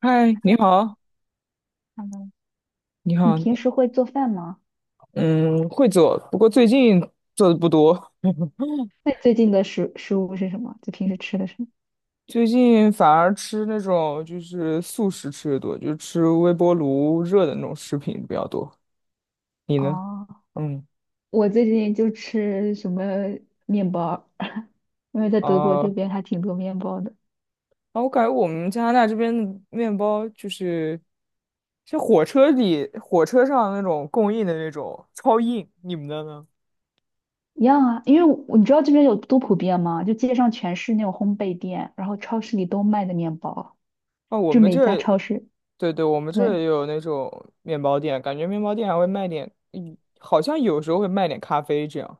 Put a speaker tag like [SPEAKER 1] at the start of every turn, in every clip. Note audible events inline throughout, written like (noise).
[SPEAKER 1] 嗨，你好，
[SPEAKER 2] 嗯，
[SPEAKER 1] 你
[SPEAKER 2] 你
[SPEAKER 1] 好，
[SPEAKER 2] 平时会做饭吗？
[SPEAKER 1] 嗯，会做，不过最近做的不多，(laughs)
[SPEAKER 2] 那你最近的食物是什么？就平时吃的什么？
[SPEAKER 1] 最近反而吃那种就是速食吃的多，就是吃微波炉热的那种食品比较多。你呢？
[SPEAKER 2] 哦，
[SPEAKER 1] 嗯，
[SPEAKER 2] 我最近就吃什么面包儿 (laughs) 因为在
[SPEAKER 1] 啊
[SPEAKER 2] 德国这
[SPEAKER 1] 啊，
[SPEAKER 2] 边还挺多面包的。
[SPEAKER 1] 我感觉我们加拿大这边的面包就是，像火车里、火车上那种供应的那种超硬，你们的呢？
[SPEAKER 2] 一样啊，因为你知道这边有多普遍吗？就街上全是那种烘焙店，然后超市里都卖的面包，
[SPEAKER 1] 哦，我
[SPEAKER 2] 就
[SPEAKER 1] 们
[SPEAKER 2] 每家
[SPEAKER 1] 这
[SPEAKER 2] 超市。
[SPEAKER 1] 对对，我们这
[SPEAKER 2] 对。
[SPEAKER 1] 也有那种面包店，感觉面包店还会卖点，好像有时候会卖点咖啡这样。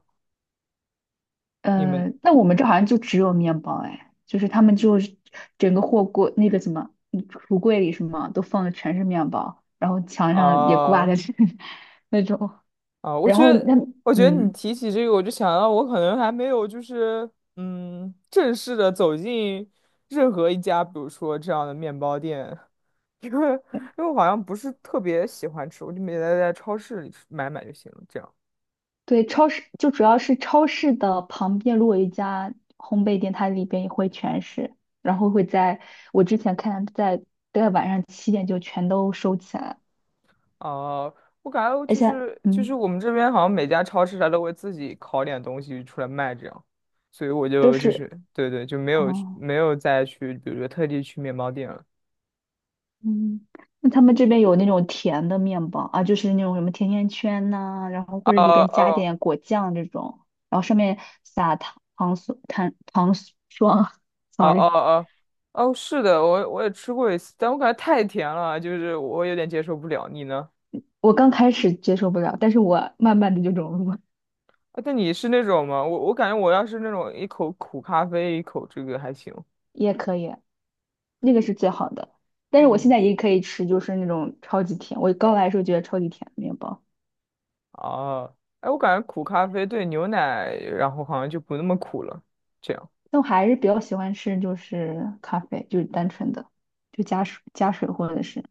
[SPEAKER 1] 你们
[SPEAKER 2] 那我们这好像就只有面包哎，就是他们就是整个货柜那个什么橱柜里什么都放的全是面包，然后墙上也挂的
[SPEAKER 1] 啊
[SPEAKER 2] 是 (laughs) 那种，
[SPEAKER 1] 啊，我
[SPEAKER 2] 然
[SPEAKER 1] 觉
[SPEAKER 2] 后
[SPEAKER 1] 得，我觉得你
[SPEAKER 2] 嗯
[SPEAKER 1] 提起这个，我就想到我可能还没有就是，正式的走进任何一家，比如说这样的面包店，(laughs) 因为
[SPEAKER 2] 对
[SPEAKER 1] 因为我好像不是特别喜欢吃，我就每天在超市里买买就行了，这样。
[SPEAKER 2] 对，超市就主要是超市的旁边如果有一家烘焙店，它里边也会全是，然后会在我之前看在晚上七点就全都收起来了
[SPEAKER 1] 哦、我感觉
[SPEAKER 2] 而
[SPEAKER 1] 就
[SPEAKER 2] 且
[SPEAKER 1] 是就是
[SPEAKER 2] 嗯
[SPEAKER 1] 我们这边好像每家超市它都会自己烤点东西出来卖，这样，所以我
[SPEAKER 2] 都
[SPEAKER 1] 就就是
[SPEAKER 2] 是
[SPEAKER 1] 对对，就没有
[SPEAKER 2] 哦。
[SPEAKER 1] 没有再去，比如说特地去面包店了。
[SPEAKER 2] 嗯，那他们这边有那种甜的面包啊，就是那种什么甜甜圈呐、然后
[SPEAKER 1] 哦
[SPEAKER 2] 或者里边加
[SPEAKER 1] 哦
[SPEAKER 2] 点果酱这种，然后上面撒糖糖霜糖糖霜 (laughs)
[SPEAKER 1] 哦哦
[SPEAKER 2] ，sorry,
[SPEAKER 1] 哦哦，是的，我也吃过一次，但我感觉太甜了，就是我有点接受不了。你呢？
[SPEAKER 2] 我刚开始接受不了，但是我慢慢的就融入了，
[SPEAKER 1] 啊，但你是那种吗？我感觉我要是那种一口苦咖啡，一口这个还行。
[SPEAKER 2] 也可以，那个是最好的。但是我现
[SPEAKER 1] 嗯，
[SPEAKER 2] 在也可以吃，就是那种超级甜，我刚来的时候觉得超级甜的面包，
[SPEAKER 1] 哦，哎，我感觉苦咖啡对牛奶，然后好像就不那么苦了。这样。
[SPEAKER 2] 但我还是比较喜欢吃就是咖啡，就是单纯的，就加水或者是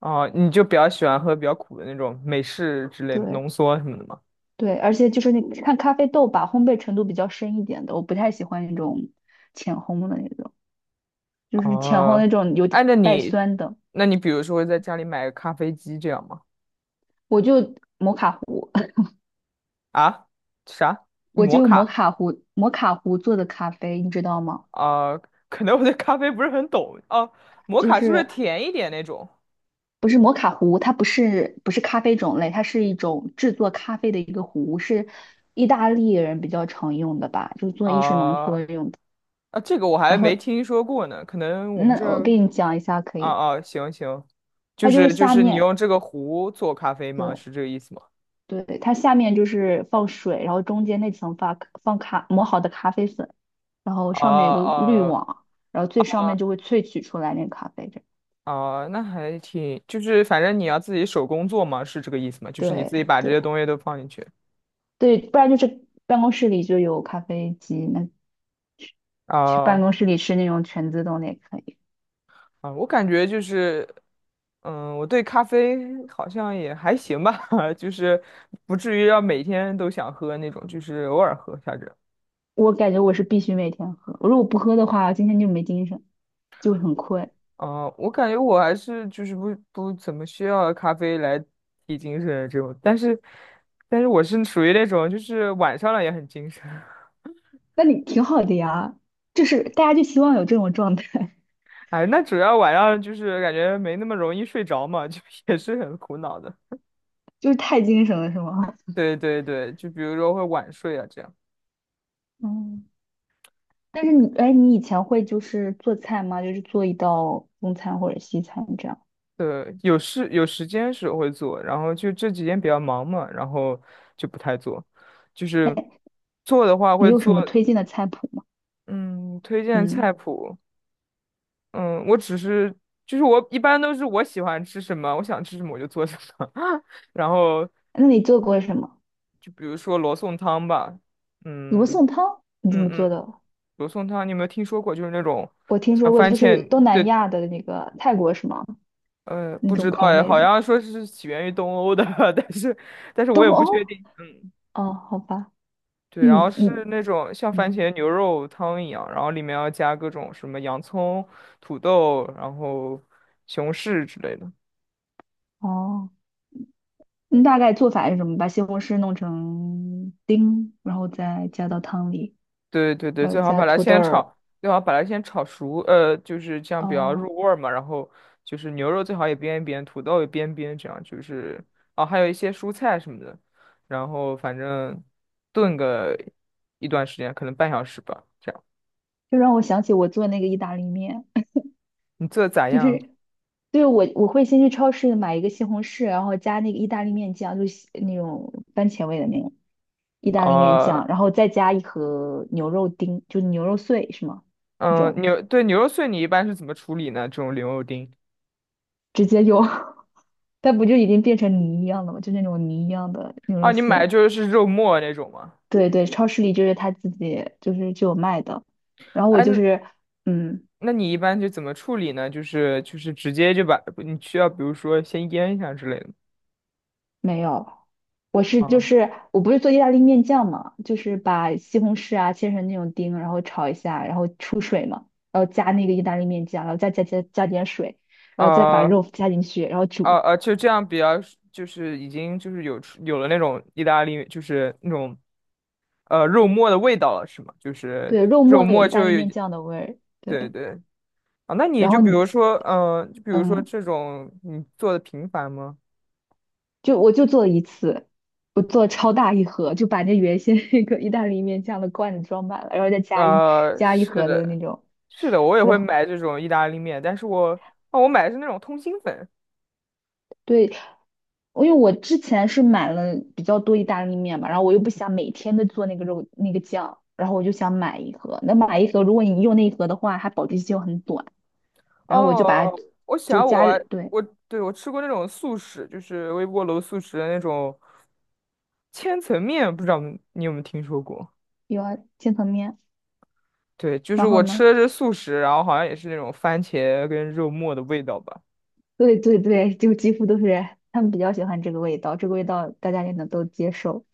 [SPEAKER 1] 哦，你就比较喜欢喝比较苦的那种美式之类的
[SPEAKER 2] 对。
[SPEAKER 1] 浓缩什么的吗？
[SPEAKER 2] 对，而且就是那看咖啡豆吧，烘焙程度比较深一点的，我不太喜欢那种浅烘的那种，就是浅烘那
[SPEAKER 1] 哦，
[SPEAKER 2] 种有点
[SPEAKER 1] 哎，那
[SPEAKER 2] 带
[SPEAKER 1] 你，
[SPEAKER 2] 酸的。
[SPEAKER 1] 那你比如说会在家里买个咖啡机这样吗？
[SPEAKER 2] 我就摩卡壶，(laughs)
[SPEAKER 1] 啊，啥？
[SPEAKER 2] 我就
[SPEAKER 1] 摩
[SPEAKER 2] 用摩
[SPEAKER 1] 卡？
[SPEAKER 2] 卡壶，摩卡壶做的咖啡，你知道吗？
[SPEAKER 1] 啊、可能我对咖啡不是很懂哦。摩
[SPEAKER 2] 就
[SPEAKER 1] 卡是不是
[SPEAKER 2] 是
[SPEAKER 1] 甜一点那种？
[SPEAKER 2] 不是摩卡壶，它不是咖啡种类，它是一种制作咖啡的一个壶，是意大利人比较常用的吧，就是做意式浓缩
[SPEAKER 1] 啊、
[SPEAKER 2] 用的。
[SPEAKER 1] 啊，这个我还没听说过呢，可能我们
[SPEAKER 2] 那
[SPEAKER 1] 这
[SPEAKER 2] 我
[SPEAKER 1] 儿，
[SPEAKER 2] 给你讲一下可
[SPEAKER 1] 啊
[SPEAKER 2] 以，
[SPEAKER 1] 啊，行行，就
[SPEAKER 2] 它就是
[SPEAKER 1] 是就
[SPEAKER 2] 下
[SPEAKER 1] 是你
[SPEAKER 2] 面
[SPEAKER 1] 用这个壶做咖啡吗？
[SPEAKER 2] 对。
[SPEAKER 1] 是这个意思吗？
[SPEAKER 2] 对，它下面就是放水，然后中间那层发放咖磨好的咖啡粉，然后
[SPEAKER 1] 啊
[SPEAKER 2] 上面有个滤
[SPEAKER 1] 啊
[SPEAKER 2] 网，然后最上面就会萃取出来那个咖啡这样
[SPEAKER 1] 哦，那还挺，就是反正你要自己手工做嘛，是这个意思吗？就是你
[SPEAKER 2] 对
[SPEAKER 1] 自己把这
[SPEAKER 2] 对
[SPEAKER 1] 些东西都放进去。
[SPEAKER 2] 对，不然就是办公室里就有咖啡机，那去办
[SPEAKER 1] 啊
[SPEAKER 2] 公室里吃那种全自动的也可以。
[SPEAKER 1] 啊，我感觉就是，我对咖啡好像也还行吧，(laughs) 就是不至于要每天都想喝那种，就是偶尔喝一下着。
[SPEAKER 2] 我感觉我是必须每天喝，如果不喝的话，今天就没精神，就会很困。
[SPEAKER 1] 啊，我感觉我还是就是不怎么需要咖啡来提精神这种，但是我是属于那种就是晚上了也很精神。
[SPEAKER 2] 那你挺好的呀，就是大家就希望有这种状态，
[SPEAKER 1] 哎，那主要晚上就是感觉没那么容易睡着嘛，(laughs) 就也是很苦恼的。
[SPEAKER 2] (laughs) 就是太精神了，是吗？
[SPEAKER 1] 对对对，就比如说会晚睡啊，这样。
[SPEAKER 2] (laughs) 嗯。但是你，哎，你以前会就是做菜吗？就是做一道中餐或者西餐这样。
[SPEAKER 1] 对，有时间时候会做，然后就这几天比较忙嘛，然后就不太做。就
[SPEAKER 2] 哎，
[SPEAKER 1] 是做的话
[SPEAKER 2] 你
[SPEAKER 1] 会
[SPEAKER 2] 有什
[SPEAKER 1] 做，
[SPEAKER 2] 么推荐的菜谱吗？
[SPEAKER 1] 嗯，推荐
[SPEAKER 2] 嗯，
[SPEAKER 1] 菜谱，嗯，我只是就是我一般都是我喜欢吃什么，我想吃什么我就做什么，(laughs) 然后
[SPEAKER 2] 那你做过什么？
[SPEAKER 1] 就比如说罗宋汤吧，
[SPEAKER 2] 罗
[SPEAKER 1] 嗯
[SPEAKER 2] 宋汤你怎
[SPEAKER 1] 嗯
[SPEAKER 2] 么做
[SPEAKER 1] 嗯。
[SPEAKER 2] 的？
[SPEAKER 1] 罗宋汤，你有没有听说过？就是那种
[SPEAKER 2] 我听说
[SPEAKER 1] 像
[SPEAKER 2] 过，
[SPEAKER 1] 番
[SPEAKER 2] 就是
[SPEAKER 1] 茄，
[SPEAKER 2] 东南
[SPEAKER 1] 对，
[SPEAKER 2] 亚的那个泰国是吗？那
[SPEAKER 1] 不
[SPEAKER 2] 种
[SPEAKER 1] 知道
[SPEAKER 2] 口
[SPEAKER 1] 哎，
[SPEAKER 2] 味
[SPEAKER 1] 好
[SPEAKER 2] 的
[SPEAKER 1] 像说是起源于东欧的，(laughs) 但是但是我
[SPEAKER 2] 东
[SPEAKER 1] 也不
[SPEAKER 2] 欧？
[SPEAKER 1] 确定。嗯，
[SPEAKER 2] 哦，好吧，
[SPEAKER 1] 对，
[SPEAKER 2] 那
[SPEAKER 1] 然
[SPEAKER 2] 你
[SPEAKER 1] 后是
[SPEAKER 2] 你
[SPEAKER 1] 那种像番
[SPEAKER 2] 嗯，
[SPEAKER 1] 茄牛肉汤一样，然后里面要加各种什么洋葱、土豆，然后西红柿之类的。
[SPEAKER 2] 哦，你大概做法是什么？把西红柿弄成丁，然后再加到汤里，
[SPEAKER 1] 对对对，
[SPEAKER 2] 然后加土豆儿。
[SPEAKER 1] 最好把它先炒熟，就是这样比较
[SPEAKER 2] 哦，
[SPEAKER 1] 入味儿嘛。然后就是牛肉最好也煸一煸，土豆也煸一煸，这样就是哦，还有一些蔬菜什么的。然后反正炖个一段时间，可能半小时吧。这样
[SPEAKER 2] 就让我想起我做那个意大利面。
[SPEAKER 1] 你做的咋
[SPEAKER 2] (laughs) 就
[SPEAKER 1] 样？
[SPEAKER 2] 是。对，我会先去超市买一个西红柿，然后加那个意大利面酱，就是那种番茄味的那种意大利面
[SPEAKER 1] 哦、
[SPEAKER 2] 酱，然后再加一盒牛肉丁，就牛肉碎是吗？那
[SPEAKER 1] 嗯，
[SPEAKER 2] 种
[SPEAKER 1] 对，牛肉碎你一般是怎么处理呢？这种牛肉丁
[SPEAKER 2] 直接就，(laughs) 它不就已经变成泥一样的吗？就那种泥一样的牛肉
[SPEAKER 1] 啊，你买
[SPEAKER 2] 碎。
[SPEAKER 1] 就是肉末那种吗？
[SPEAKER 2] 对对，超市里就是他自己就是就有卖的，然后我
[SPEAKER 1] 哎，
[SPEAKER 2] 就
[SPEAKER 1] 那
[SPEAKER 2] 是嗯
[SPEAKER 1] 那你一般就怎么处理呢？就是直接就把你需要，比如说先腌一下之类的。
[SPEAKER 2] 没有。
[SPEAKER 1] 哦，
[SPEAKER 2] 我不是做意大利面酱嘛，就是把西红柿啊切成那种丁，然后炒一下，然后出水嘛，然后加那个意大利面酱，然后再加点水，然后再把
[SPEAKER 1] 呃
[SPEAKER 2] 肉加进去，然后煮。
[SPEAKER 1] 就这样比较，就是已经就是有了那种意大利，就是那种肉末的味道了，是吗？就是
[SPEAKER 2] 对，肉
[SPEAKER 1] 肉
[SPEAKER 2] 末有
[SPEAKER 1] 末
[SPEAKER 2] 意大
[SPEAKER 1] 就
[SPEAKER 2] 利
[SPEAKER 1] 有，
[SPEAKER 2] 面酱的味儿。
[SPEAKER 1] 对
[SPEAKER 2] 对，
[SPEAKER 1] 对啊，那你
[SPEAKER 2] 然后你
[SPEAKER 1] 就比如说
[SPEAKER 2] 嗯，
[SPEAKER 1] 这种你做的频繁吗？
[SPEAKER 2] 就我就做了一次，我做超大一盒，就把那原先 (laughs) 那个意大利面酱的罐子装满了，然后再加一加一
[SPEAKER 1] 是
[SPEAKER 2] 盒的
[SPEAKER 1] 的，
[SPEAKER 2] 那种，
[SPEAKER 1] 是的，我也
[SPEAKER 2] 然
[SPEAKER 1] 会
[SPEAKER 2] 后
[SPEAKER 1] 买这种意大利面，但是我哦，我买的是那种通心粉。
[SPEAKER 2] 对，因为我之前是买了比较多意大利面嘛，然后我又不想每天都做那个肉那个酱，然后我就想买一盒。那买一盒，如果你用那一盒的话，它保质期又很短，然后我就把它
[SPEAKER 1] 哦，我
[SPEAKER 2] 就
[SPEAKER 1] 想
[SPEAKER 2] 加热，
[SPEAKER 1] 我
[SPEAKER 2] 对，
[SPEAKER 1] 我对我吃过那种速食，就是微波炉速食的那种。千层面不知道你有没有听说过？
[SPEAKER 2] 有啊，千层面。
[SPEAKER 1] 对，就是
[SPEAKER 2] 然后
[SPEAKER 1] 我吃
[SPEAKER 2] 呢，
[SPEAKER 1] 的是素食，然后好像也是那种番茄跟肉末的味道吧。
[SPEAKER 2] 对对对，就几乎都是他们比较喜欢这个味道，这个味道大家也能都接受。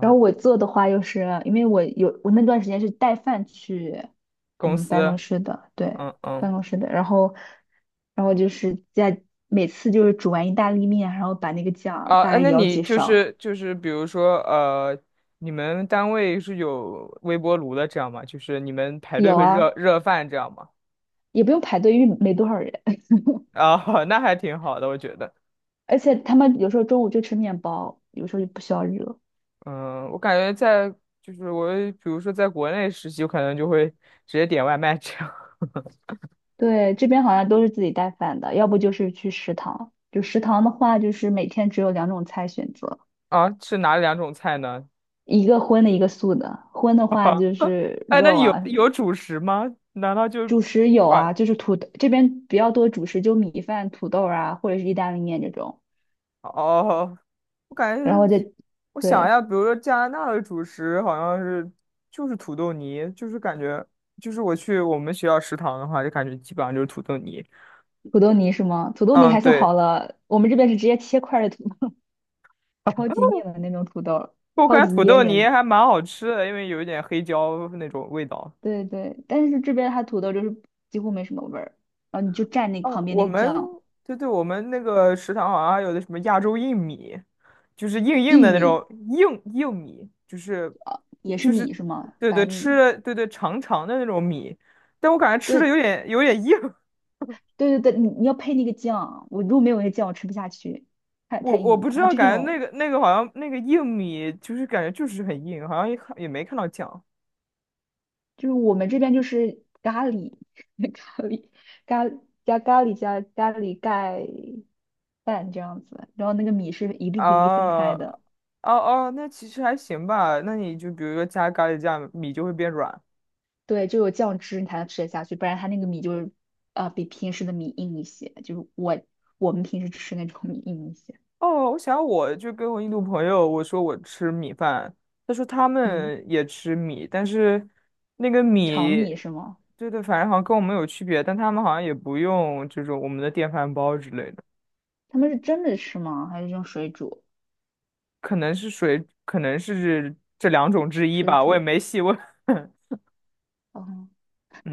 [SPEAKER 2] 然后我做的话，又是因为我那段时间是带饭去。
[SPEAKER 1] 公
[SPEAKER 2] 嗯，办公
[SPEAKER 1] 司，
[SPEAKER 2] 室的，对，
[SPEAKER 1] 嗯嗯，
[SPEAKER 2] 办公室的。然后就是在每次就是煮完意大利面，然后把那个酱
[SPEAKER 1] 啊、
[SPEAKER 2] 大
[SPEAKER 1] 哎
[SPEAKER 2] 概
[SPEAKER 1] 那
[SPEAKER 2] 舀
[SPEAKER 1] 你
[SPEAKER 2] 几
[SPEAKER 1] 就
[SPEAKER 2] 勺，
[SPEAKER 1] 是就是，比如说你们单位是有微波炉的这样吗？就是你们排队
[SPEAKER 2] 有
[SPEAKER 1] 会热
[SPEAKER 2] 啊，
[SPEAKER 1] 热饭这样吗？
[SPEAKER 2] 也不用排队，因为没多少人。(laughs)
[SPEAKER 1] 啊、(laughs) 那还挺好的，我觉得。
[SPEAKER 2] 而且他们有时候中午就吃面包，有时候就不需要热。
[SPEAKER 1] 嗯，我感觉在就是我比如说在国内实习，我可能就会直接点外卖这样。
[SPEAKER 2] 对，这边好像都是自己带饭的，要不就是去食堂。就食堂的话，就是每天只有两种菜选择，
[SPEAKER 1] (laughs) 啊，是哪两种菜呢？
[SPEAKER 2] 一个荤的，一个素的。荤的话就是
[SPEAKER 1] 哎，那
[SPEAKER 2] 肉
[SPEAKER 1] 你有
[SPEAKER 2] 啊，什么。
[SPEAKER 1] 有主食吗？难道就 q
[SPEAKER 2] 主食有啊，就是土豆这边比较多主食，就米饭、土豆啊，或者是意大利面这种。
[SPEAKER 1] 哦，我感觉，
[SPEAKER 2] 然后再
[SPEAKER 1] 我想一
[SPEAKER 2] 对，
[SPEAKER 1] 下，比如说加拿大的主食好像是就是土豆泥，就是感觉就是我去我们学校食堂的话，就感觉基本上就是土豆泥。
[SPEAKER 2] 土豆泥是吗？土豆泥
[SPEAKER 1] 嗯，
[SPEAKER 2] 还算好
[SPEAKER 1] 对，
[SPEAKER 2] 了，我们这边是直接切块儿的土，(laughs) 超
[SPEAKER 1] (laughs)
[SPEAKER 2] 级面的那种土豆，
[SPEAKER 1] 我
[SPEAKER 2] 超
[SPEAKER 1] 感觉
[SPEAKER 2] 级
[SPEAKER 1] 土
[SPEAKER 2] 噎
[SPEAKER 1] 豆泥
[SPEAKER 2] 人。
[SPEAKER 1] 还蛮好吃的，因为有一点黑椒那种味道。
[SPEAKER 2] 对对，但是这边它土豆就是几乎没什么味儿，然后你就蘸那个
[SPEAKER 1] 哦，
[SPEAKER 2] 旁边
[SPEAKER 1] 我
[SPEAKER 2] 那个
[SPEAKER 1] 们
[SPEAKER 2] 酱，
[SPEAKER 1] 对对，我们那个食堂好像还有的什么亚洲硬米，就是硬硬
[SPEAKER 2] 薏
[SPEAKER 1] 的那
[SPEAKER 2] 米
[SPEAKER 1] 种硬硬米，就是。
[SPEAKER 2] 也是
[SPEAKER 1] 就是
[SPEAKER 2] 米是吗？
[SPEAKER 1] 对对
[SPEAKER 2] 白
[SPEAKER 1] 吃
[SPEAKER 2] 米。
[SPEAKER 1] 的对对长长的那种米，但我感觉吃的有
[SPEAKER 2] 对
[SPEAKER 1] 点有点硬，
[SPEAKER 2] 对对对，你要配那个酱，我如果没有那个酱，我吃不下去，
[SPEAKER 1] (laughs)
[SPEAKER 2] 太
[SPEAKER 1] 我
[SPEAKER 2] 太
[SPEAKER 1] 我
[SPEAKER 2] 硬
[SPEAKER 1] 不
[SPEAKER 2] 了。
[SPEAKER 1] 知
[SPEAKER 2] 它
[SPEAKER 1] 道，
[SPEAKER 2] 就这
[SPEAKER 1] 感觉
[SPEAKER 2] 种
[SPEAKER 1] 那个好像那个硬米就是感觉就是很硬，好像也没看到酱
[SPEAKER 2] 就是我们这边就是咖喱，(laughs) 咖喱，咖加咖喱盖饭这样子，然后那个米是一粒一粒分
[SPEAKER 1] 啊
[SPEAKER 2] 开
[SPEAKER 1] 哦
[SPEAKER 2] 的，
[SPEAKER 1] 哦，那其实还行吧，那你就比如说加咖喱酱，米就会变软
[SPEAKER 2] 对，就有酱汁你才能吃得下去，不然它那个米就是比平时的米硬一些，就是我们平时吃那种米硬一些，
[SPEAKER 1] 哦，我想我就跟我印度朋友我说我吃米饭，他说他
[SPEAKER 2] 嗯，
[SPEAKER 1] 们也吃米，但是那个
[SPEAKER 2] 炒
[SPEAKER 1] 米，
[SPEAKER 2] 米是吗？
[SPEAKER 1] 对对，反正好像跟我们有区别，但他们好像也不用这种我们的电饭煲之类的，
[SPEAKER 2] 他们是蒸着吃吗？还是用水煮？
[SPEAKER 1] 可能是水，可能是这两种之一
[SPEAKER 2] 水
[SPEAKER 1] 吧，我也
[SPEAKER 2] 煮，
[SPEAKER 1] 没细问。(laughs)
[SPEAKER 2] 哦。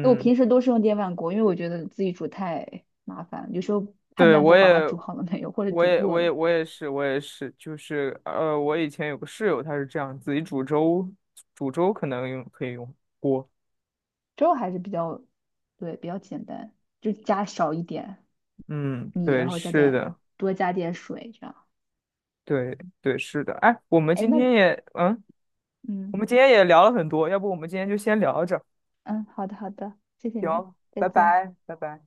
[SPEAKER 2] 那我平时都是用电饭锅，因为我觉得自己煮太麻烦，有时候判
[SPEAKER 1] 对，
[SPEAKER 2] 断不
[SPEAKER 1] 我
[SPEAKER 2] 好它
[SPEAKER 1] 也，
[SPEAKER 2] 煮好了没有，或者
[SPEAKER 1] 我
[SPEAKER 2] 煮
[SPEAKER 1] 也，我
[SPEAKER 2] 过
[SPEAKER 1] 也，
[SPEAKER 2] 了。
[SPEAKER 1] 我也是，我也是，就是我以前有个室友，他是这样自己煮粥，煮粥可能可以用锅。
[SPEAKER 2] 粥还是比较，对，比较简单，就加少一点
[SPEAKER 1] 嗯，
[SPEAKER 2] 米，然
[SPEAKER 1] 对，
[SPEAKER 2] 后加
[SPEAKER 1] 是
[SPEAKER 2] 点
[SPEAKER 1] 的。
[SPEAKER 2] 多加点水这样。
[SPEAKER 1] 对对，是的。哎，
[SPEAKER 2] 哎，那
[SPEAKER 1] 我
[SPEAKER 2] 嗯
[SPEAKER 1] 们今天也聊了很多，要不我们今天就先聊着，
[SPEAKER 2] 嗯，好的好的，谢谢你，
[SPEAKER 1] 行，
[SPEAKER 2] 再
[SPEAKER 1] 拜
[SPEAKER 2] 见。
[SPEAKER 1] 拜，拜拜。